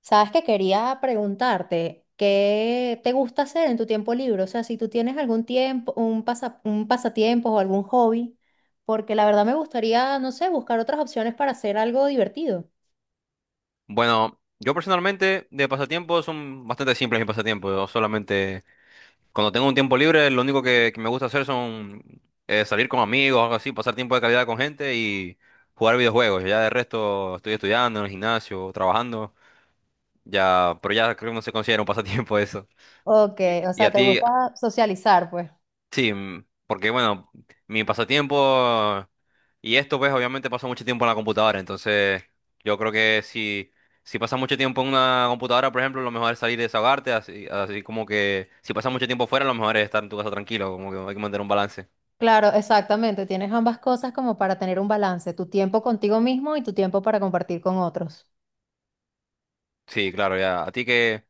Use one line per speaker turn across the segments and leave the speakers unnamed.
Sabes que quería preguntarte, ¿qué te gusta hacer en tu tiempo libre? O sea, si tú tienes algún tiempo, un pasatiempo o algún hobby, porque la verdad me gustaría, no sé, buscar otras opciones para hacer algo divertido.
Bueno, yo personalmente de pasatiempos son bastante simples mis pasatiempos. Yo solamente cuando tengo un tiempo libre, lo único que me gusta hacer son salir con amigos, algo así, pasar tiempo de calidad con gente y jugar videojuegos. Ya de resto estoy estudiando en el gimnasio, trabajando, ya, pero ya creo que no se considera un pasatiempo eso.
Ok,
¿Y,
o
y
sea,
a
te
ti?
gusta socializar, pues.
Sí, mm, porque bueno, mi pasatiempo y esto pues obviamente paso mucho tiempo en la computadora, entonces yo creo que si, si pasas mucho tiempo en una computadora, por ejemplo, lo mejor es salir y desahogarte, así como que si pasas mucho tiempo fuera, lo mejor es estar en tu casa tranquilo, como que hay que mantener un balance.
Claro, exactamente. Tienes ambas cosas como para tener un balance, tu tiempo contigo mismo y tu tiempo para compartir con otros.
Sí, claro, ya. ¿A ti qué,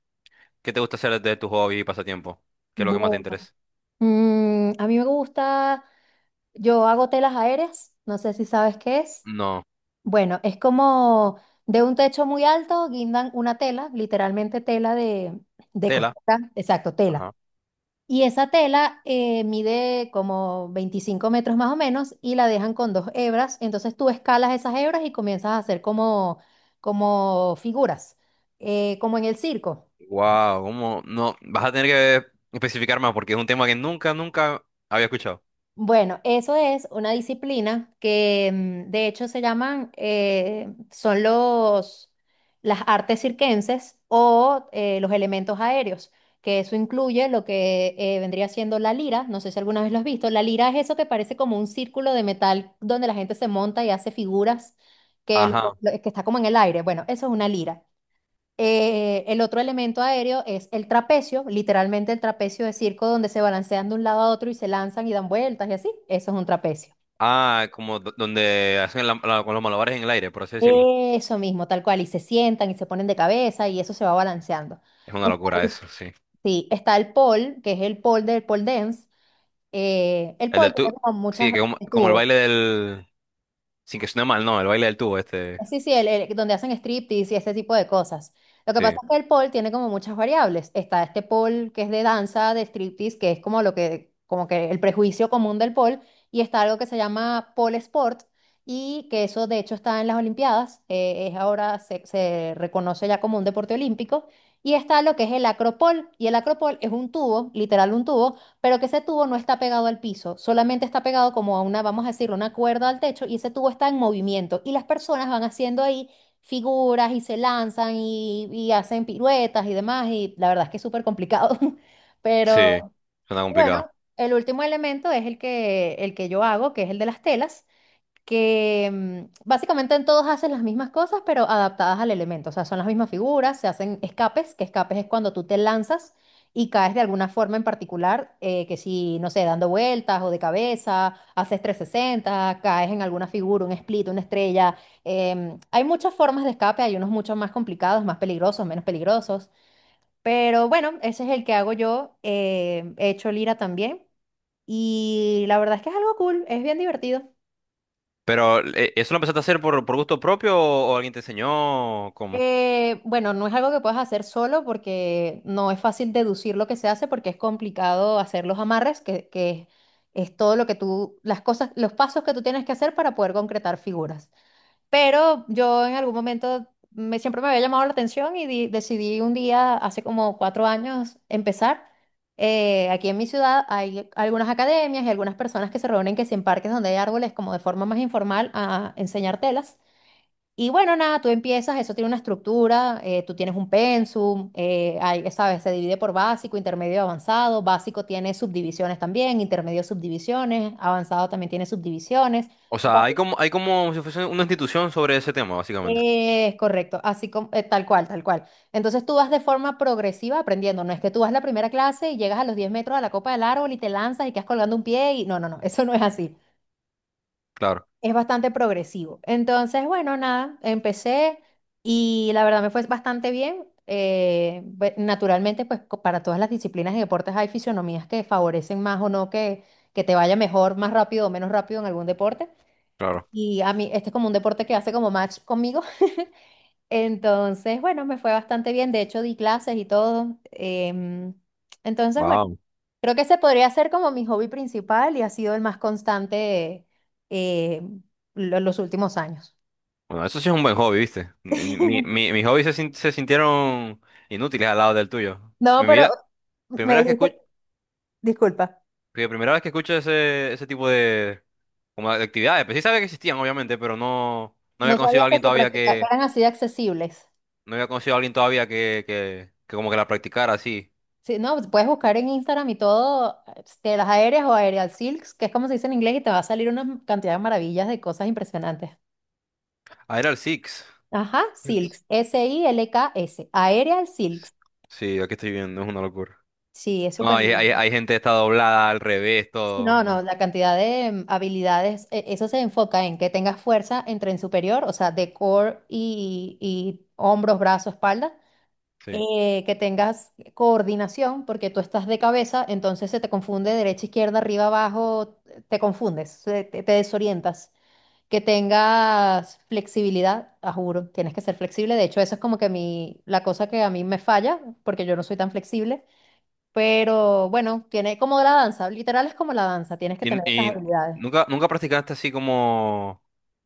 qué te gusta hacer de tus hobbies y pasatiempos? ¿Qué es lo que más te
Bueno,
interesa?
a mí me gusta, yo hago telas aéreas, no sé si sabes qué es.
No.
Bueno, es como de un techo muy alto guindan una tela, literalmente de
Tela.
costura, exacto, tela.
Ajá.
Y esa tela mide como 25 metros más o menos y la dejan con dos hebras. Entonces tú escalas esas hebras y comienzas a como figuras, como en el circo.
Wow, ¿cómo? No, vas a tener que especificar más porque es un tema que nunca había escuchado.
Bueno, eso es una disciplina que de hecho se llaman, las artes circenses o los elementos aéreos, que eso incluye lo que vendría siendo la lira, no sé si alguna vez lo has visto. La lira es eso que parece como un círculo de metal donde la gente se monta y hace figuras que,
Ajá.
que está como en el aire. Bueno, eso es una lira. El otro elemento aéreo es el trapecio, literalmente el trapecio de circo donde se balancean de un lado a otro y se lanzan y dan vueltas y así. Eso es un trapecio.
Ah, como donde hacen con los malabares en el aire, por así decirlo.
Eso mismo, tal cual. Y se sientan y se ponen de cabeza y eso se va balanceando.
Es una
Está
locura
el,
eso, sí.
sí, está el pole, que es el pole del pole dance. El
El
pole
del tubo,
tiene como muchas,
sí, que como, como el
estuvo
baile del... Sin que suene mal, no, el baile del tubo, este,
Sí, sí, donde hacen striptease y ese tipo de cosas. Lo que pasa
sí,
es que el pole tiene como muchas variables. Está este pole que es de danza, de striptease, que es como lo que, como que el prejuicio común del pole, y está algo que se llama pole sport, y que eso de hecho está en las Olimpiadas. Se reconoce ya como un deporte olímpico, y está lo que es el acropole, y el acropole es un tubo, literal un tubo, pero que ese tubo no está pegado al piso, solamente está pegado como a una, vamos a decirlo, una cuerda al techo, y ese tubo está en movimiento y las personas van haciendo ahí figuras y se lanzan y hacen piruetas y demás, y la verdad es que es súper complicado,
sí,
pero
suena complicado.
bueno, el último elemento es el que yo hago, que es el de las telas que básicamente en todos hacen las mismas cosas, pero adaptadas al elemento. O sea, son las mismas figuras, se hacen escapes, que escapes es cuando tú te lanzas y caes de alguna forma en particular, que si, no sé, dando vueltas o de cabeza, haces 360, caes en alguna figura, un split, una estrella. Hay muchas formas de escape, hay unos mucho más complicados, más peligrosos, menos peligrosos. Pero bueno, ese es el que hago yo. He hecho lira también. Y la verdad es que es algo cool, es bien divertido.
Pero, ¿eso lo empezaste a hacer por gusto propio o alguien te enseñó? ¿O cómo?
Bueno, no es algo que puedas hacer solo porque no es fácil deducir lo que se hace, porque es complicado hacer los amarres, que es todo lo que tú, las cosas, los pasos que tú tienes que hacer para poder concretar figuras. Pero yo en algún momento me, siempre me había llamado la atención y decidí un día, hace como 4 años, empezar. Aquí en mi ciudad hay algunas academias y algunas personas que se reúnen, que si en parques donde hay árboles, como de forma más informal, a enseñar telas. Y bueno, nada, tú empiezas, eso tiene una estructura, tú tienes un pensum, hay, ¿sabes? Se divide por básico, intermedio, avanzado. Básico tiene subdivisiones también, intermedio subdivisiones, avanzado también tiene subdivisiones.
O
O sea,
sea,
que-
hay como si fuese una institución sobre ese tema, básicamente.
Es correcto, así como, tal cual, tal cual. Entonces tú vas de forma progresiva aprendiendo, no es que tú vas a la primera clase y llegas a los 10 metros a la copa del árbol y te lanzas y quedas colgando un pie, y no, no, no, eso no es así.
Claro,
Es bastante progresivo. Entonces, bueno, nada, empecé y la verdad me fue bastante bien. Naturalmente, pues para todas las disciplinas y deportes hay fisionomías que favorecen más o no, que te vaya mejor, más rápido o menos rápido en algún deporte.
claro.
Y a mí, este es como un deporte que hace como match conmigo. Entonces, bueno, me fue bastante bien. De hecho, di clases y todo. Entonces, bueno.
Wow.
Creo que ese podría ser como mi hobby principal y ha sido el más constante eh, los últimos años.
Bueno, eso sí es un buen hobby, ¿viste? Mis hobbies se, sin- se sintieron inútiles al lado del tuyo.
No,
Mi
pero
vida,
me
primera vez que
dijiste,
escucho...
disculpa,
Porque primera vez que escucho ese tipo de, como de actividades. Pues sí sabía que existían, obviamente, pero no, no
no
había conocido a
sabía que
alguien todavía
que
que,
eran así de accesibles.
no había conocido a alguien todavía que como que la practicara así.
Sí, no, puedes buscar en Instagram y todo, este, las aéreas o aerial silks, que es como se dice en inglés, y te va a salir una cantidad de maravillas de cosas impresionantes.
Ah, era el Six.
Ajá,
Six.
silks, SILKS, aerial silks.
Sí, aquí estoy viendo, es una locura.
Sí, es
No,
súper
hay, hay,
lindo.
hay gente que está doblada al revés,
Sí,
todo,
no, no,
¿no?
la cantidad de habilidades, eso se enfoca en que tengas fuerza en tren superior, o sea, de core y hombros, brazo, espalda,
Sí.
que tengas coordinación, porque tú estás de cabeza, entonces se te confunde derecha, izquierda, arriba, abajo, te confundes, te desorientas, que tengas flexibilidad, a juro, tienes que ser flexible. De hecho, eso es como que la cosa que a mí me falla, porque yo no soy tan flexible, pero bueno, tiene como la danza, literal es como la danza, tienes que
¿Y,
tener esas
y
habilidades.
nunca practicaste así como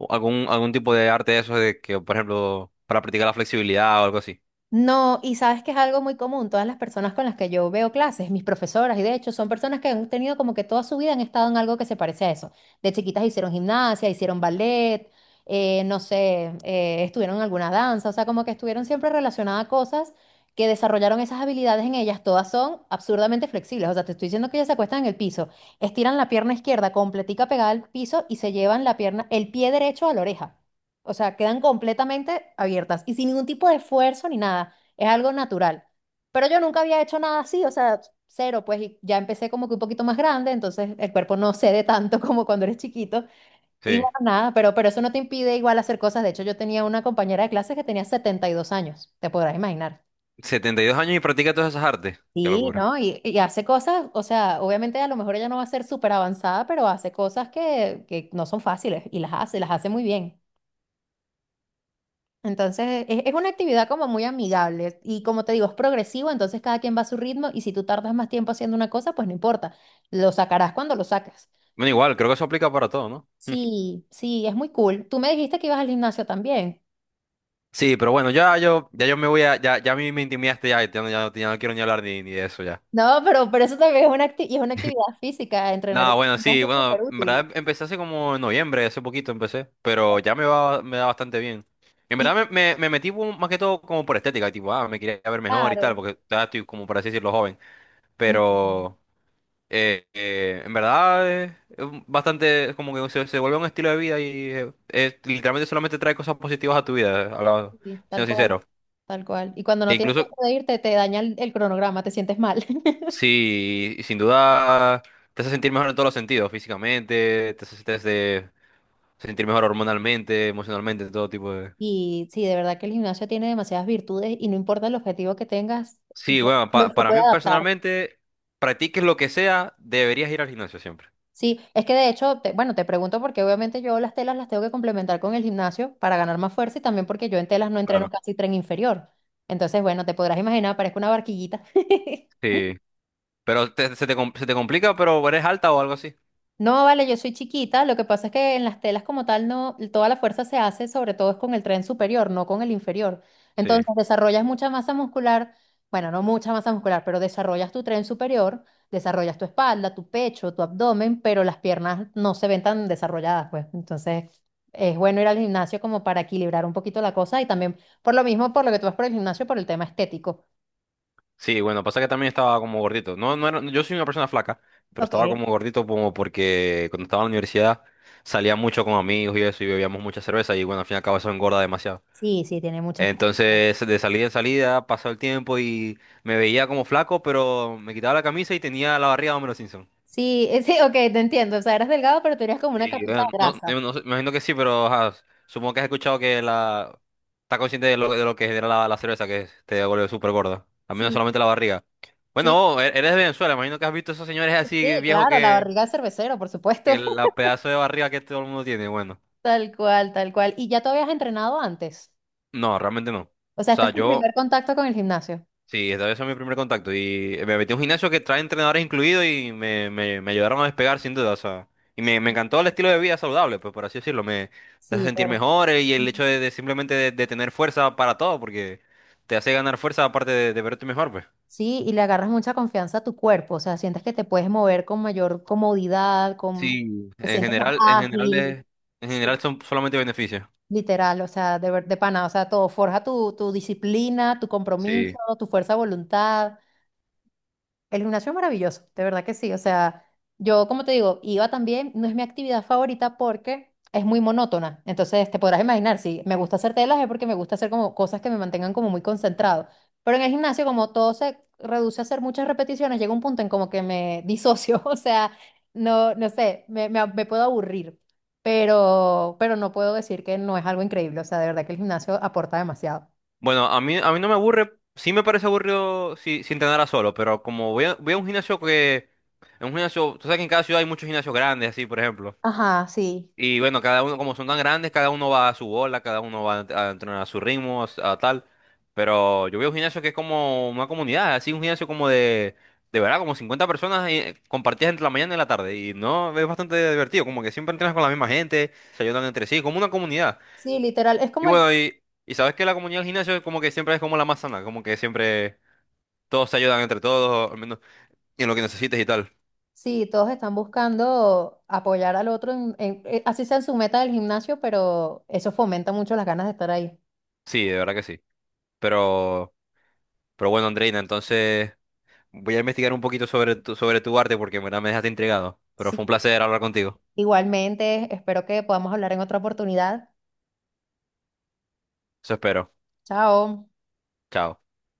algún tipo de arte de esos de que, por ejemplo, para practicar la flexibilidad o algo así?
No, y sabes que es algo muy común. Todas las personas con las que yo veo clases, mis profesoras, y de hecho son personas que han tenido como que toda su vida han estado en algo que se parece a eso. De chiquitas hicieron gimnasia, hicieron ballet, no sé, estuvieron en alguna danza, o sea, como que estuvieron siempre relacionadas a cosas que desarrollaron esas habilidades en ellas. Todas son absurdamente flexibles. O sea, te estoy diciendo que ellas se acuestan en el piso, estiran la pierna izquierda completica pegada al piso y se llevan la pierna, el pie derecho a la oreja. O sea, quedan completamente abiertas y sin ningún tipo de esfuerzo ni nada. Es algo natural. Pero yo nunca había hecho nada así, o sea, cero, pues, y ya empecé como que un poquito más grande, entonces el cuerpo no cede tanto como cuando eres chiquito. Y
Sí.
bueno, nada, pero eso no te impide igual hacer cosas. De hecho, yo tenía una compañera de clase que tenía 72 años, te podrás imaginar.
72 años y practica todas esas artes. Qué
Sí,
locura.
¿no? Y hace cosas, o sea, obviamente a lo mejor ella no va a ser súper avanzada, pero hace cosas que no son fáciles, y las hace muy bien. Entonces, es una actividad como muy amigable, y como te digo, es progresivo, entonces cada quien va a su ritmo, y si tú tardas más tiempo haciendo una cosa, pues no importa, lo sacarás cuando lo sacas.
Bueno, igual, creo que eso aplica para todo, ¿no?
Sí, sí, es muy cool. Tú me dijiste que ibas al gimnasio también.
Sí, pero bueno, ya yo me voy a, ya, ya a mí me intimidaste ya, ya no, ya no quiero ni hablar ni de eso ya.
No, pero eso también es una, es una actividad física, entrenar
Nada,
en el
bueno, sí,
gimnasio es súper
bueno, en verdad
útil.
empecé hace como en noviembre, hace poquito empecé, pero ya me va, me da bastante bien. En
Y
verdad me metí más que todo como por estética, tipo, ah, me quería ver mejor y tal,
claro,
porque todavía estoy como para así decirlo joven,
ujú,
pero en verdad es bastante, es como que se vuelve un estilo de vida y literalmente solamente trae cosas positivas a tu vida,
sí, tal
siendo
cual,
sincero.
tal cual. Y cuando
Que
no tienes
incluso,
tiempo de irte, te daña el cronograma, te sientes mal.
sí, sin duda te hace sentir mejor en todos los sentidos, físicamente, te hace sentir mejor hormonalmente, emocionalmente, todo tipo de...
Y sí, de verdad que el gimnasio tiene demasiadas virtudes y no importa el objetivo que tengas,
Sí, bueno,
se
para
puede
mí
adaptar.
personalmente, practiques lo que sea, deberías ir al gimnasio siempre.
Sí, es que de hecho, bueno, te pregunto porque obviamente yo las telas las tengo que complementar con el gimnasio para ganar más fuerza, y también porque yo en telas no entreno
Claro.
casi tren inferior. Entonces, bueno, te podrás imaginar, parezco una barquillita.
Sí, pero se te, se te complica, pero eres alta o algo así.
No, vale, yo soy chiquita. Lo que pasa es que en las telas como tal no, toda la fuerza se hace, sobre todo es con el tren superior, no con el inferior.
Sí,
Entonces desarrollas mucha masa muscular, bueno, no mucha masa muscular, pero desarrollas tu tren superior, desarrollas tu espalda, tu pecho, tu abdomen, pero las piernas no se ven tan desarrolladas, pues. Entonces es bueno ir al gimnasio como para equilibrar un poquito la cosa, y también por lo mismo, por lo que tú vas por el gimnasio, por el tema estético.
sí, bueno, pasa que también estaba como gordito. No, yo soy una persona flaca, pero estaba
Ok.
como gordito como porque cuando estaba en la universidad salía mucho con amigos y eso y bebíamos mucha cerveza y bueno, al fin y al cabo eso engorda demasiado.
Sí, sí, tiene muchas cosas.
Entonces, de salida en salida, pasó el tiempo y me veía como flaco, pero me quitaba la camisa y tenía la barriga de Homero Simpson.
Sí, sí, ok, te entiendo. O sea, eras delgado, pero tenías como una
Y
capita
bueno,
de
no,
grasa.
no sé, me imagino que sí, pero ajá, supongo que has escuchado que la... Estás consciente de de lo que genera la cerveza, que te vuelve súper gorda. A mí no
Sí,
solamente la barriga.
sí,
Bueno, eres de Venezuela, imagino que has visto esos señores
sí,
así viejos
claro, la barriga de cervecero, por
que
supuesto.
la pedazo de barriga que todo el mundo tiene. Bueno,
Tal cual, tal cual. ¿Y ya tú habías entrenado antes?
no, realmente no. O
O sea, este
sea,
es tu
yo...
primer contacto con el gimnasio.
Sí, esta vez fue mi primer contacto y me metí a un gimnasio que trae entrenadores incluidos y me ayudaron a despegar sin duda, o sea, y me encantó el estilo de vida saludable, pues por así decirlo, me te hace
Sí,
sentir
claro.
mejor y el
Ujú.
hecho de simplemente de tener fuerza para todo, porque te hace ganar fuerza aparte de verte mejor, pues.
Sí, y le agarras mucha confianza a tu cuerpo, o sea, sientes que te puedes mover con mayor comodidad, con...
Sí,
te sientes más ágil.
en general
Sí.
son solamente beneficios.
Literal, o sea, de pana, o sea, todo forja tu, tu disciplina, tu compromiso,
Sí.
tu fuerza de voluntad. El gimnasio es maravilloso, de verdad que sí. O sea, yo, como te digo, iba también, no es mi actividad favorita porque es muy monótona. Entonces, te podrás imaginar, si me gusta hacer telas es porque me gusta hacer como cosas que me mantengan como muy concentrado. Pero en el gimnasio, como todo se reduce a hacer muchas repeticiones, llega un punto en como que me disocio. O sea, no, no sé, me puedo aburrir. Pero no puedo decir que no es algo increíble. O sea, de verdad que el gimnasio aporta demasiado.
Bueno, a mí no me aburre, sí me parece aburrido si, si entrenara solo, pero como voy a un gimnasio que, en un gimnasio, tú sabes que en cada ciudad hay muchos gimnasios grandes, así, por ejemplo.
Ajá, sí.
Y bueno, cada uno, como son tan grandes, cada uno va a su bola, cada uno va a entrenar a su ritmo, a, a tal. Pero yo veo un gimnasio que es como una comunidad, así un gimnasio como de verdad, como 50 personas compartidas entre la mañana y la tarde. Y no, es bastante divertido, como que siempre entrenas con la misma gente, se ayudan entre sí, como una comunidad.
Sí, literal. Es
Y
como el
bueno, y sabes que la comunidad del gimnasio es como que siempre es como la más sana, como que siempre todos se ayudan entre todos, al menos en lo que necesites y tal.
Sí, todos están buscando apoyar al otro, así sea en su meta del gimnasio, pero eso fomenta mucho las ganas de estar ahí.
Sí, de verdad que sí. Pero, pero bueno, Andreina, entonces... Voy a investigar un poquito sobre tu arte porque en verdad me dejaste intrigado. Pero
Sí.
fue un placer hablar contigo.
Igualmente, espero que podamos hablar en otra oportunidad.
Eso espero.
Chao.
Chao.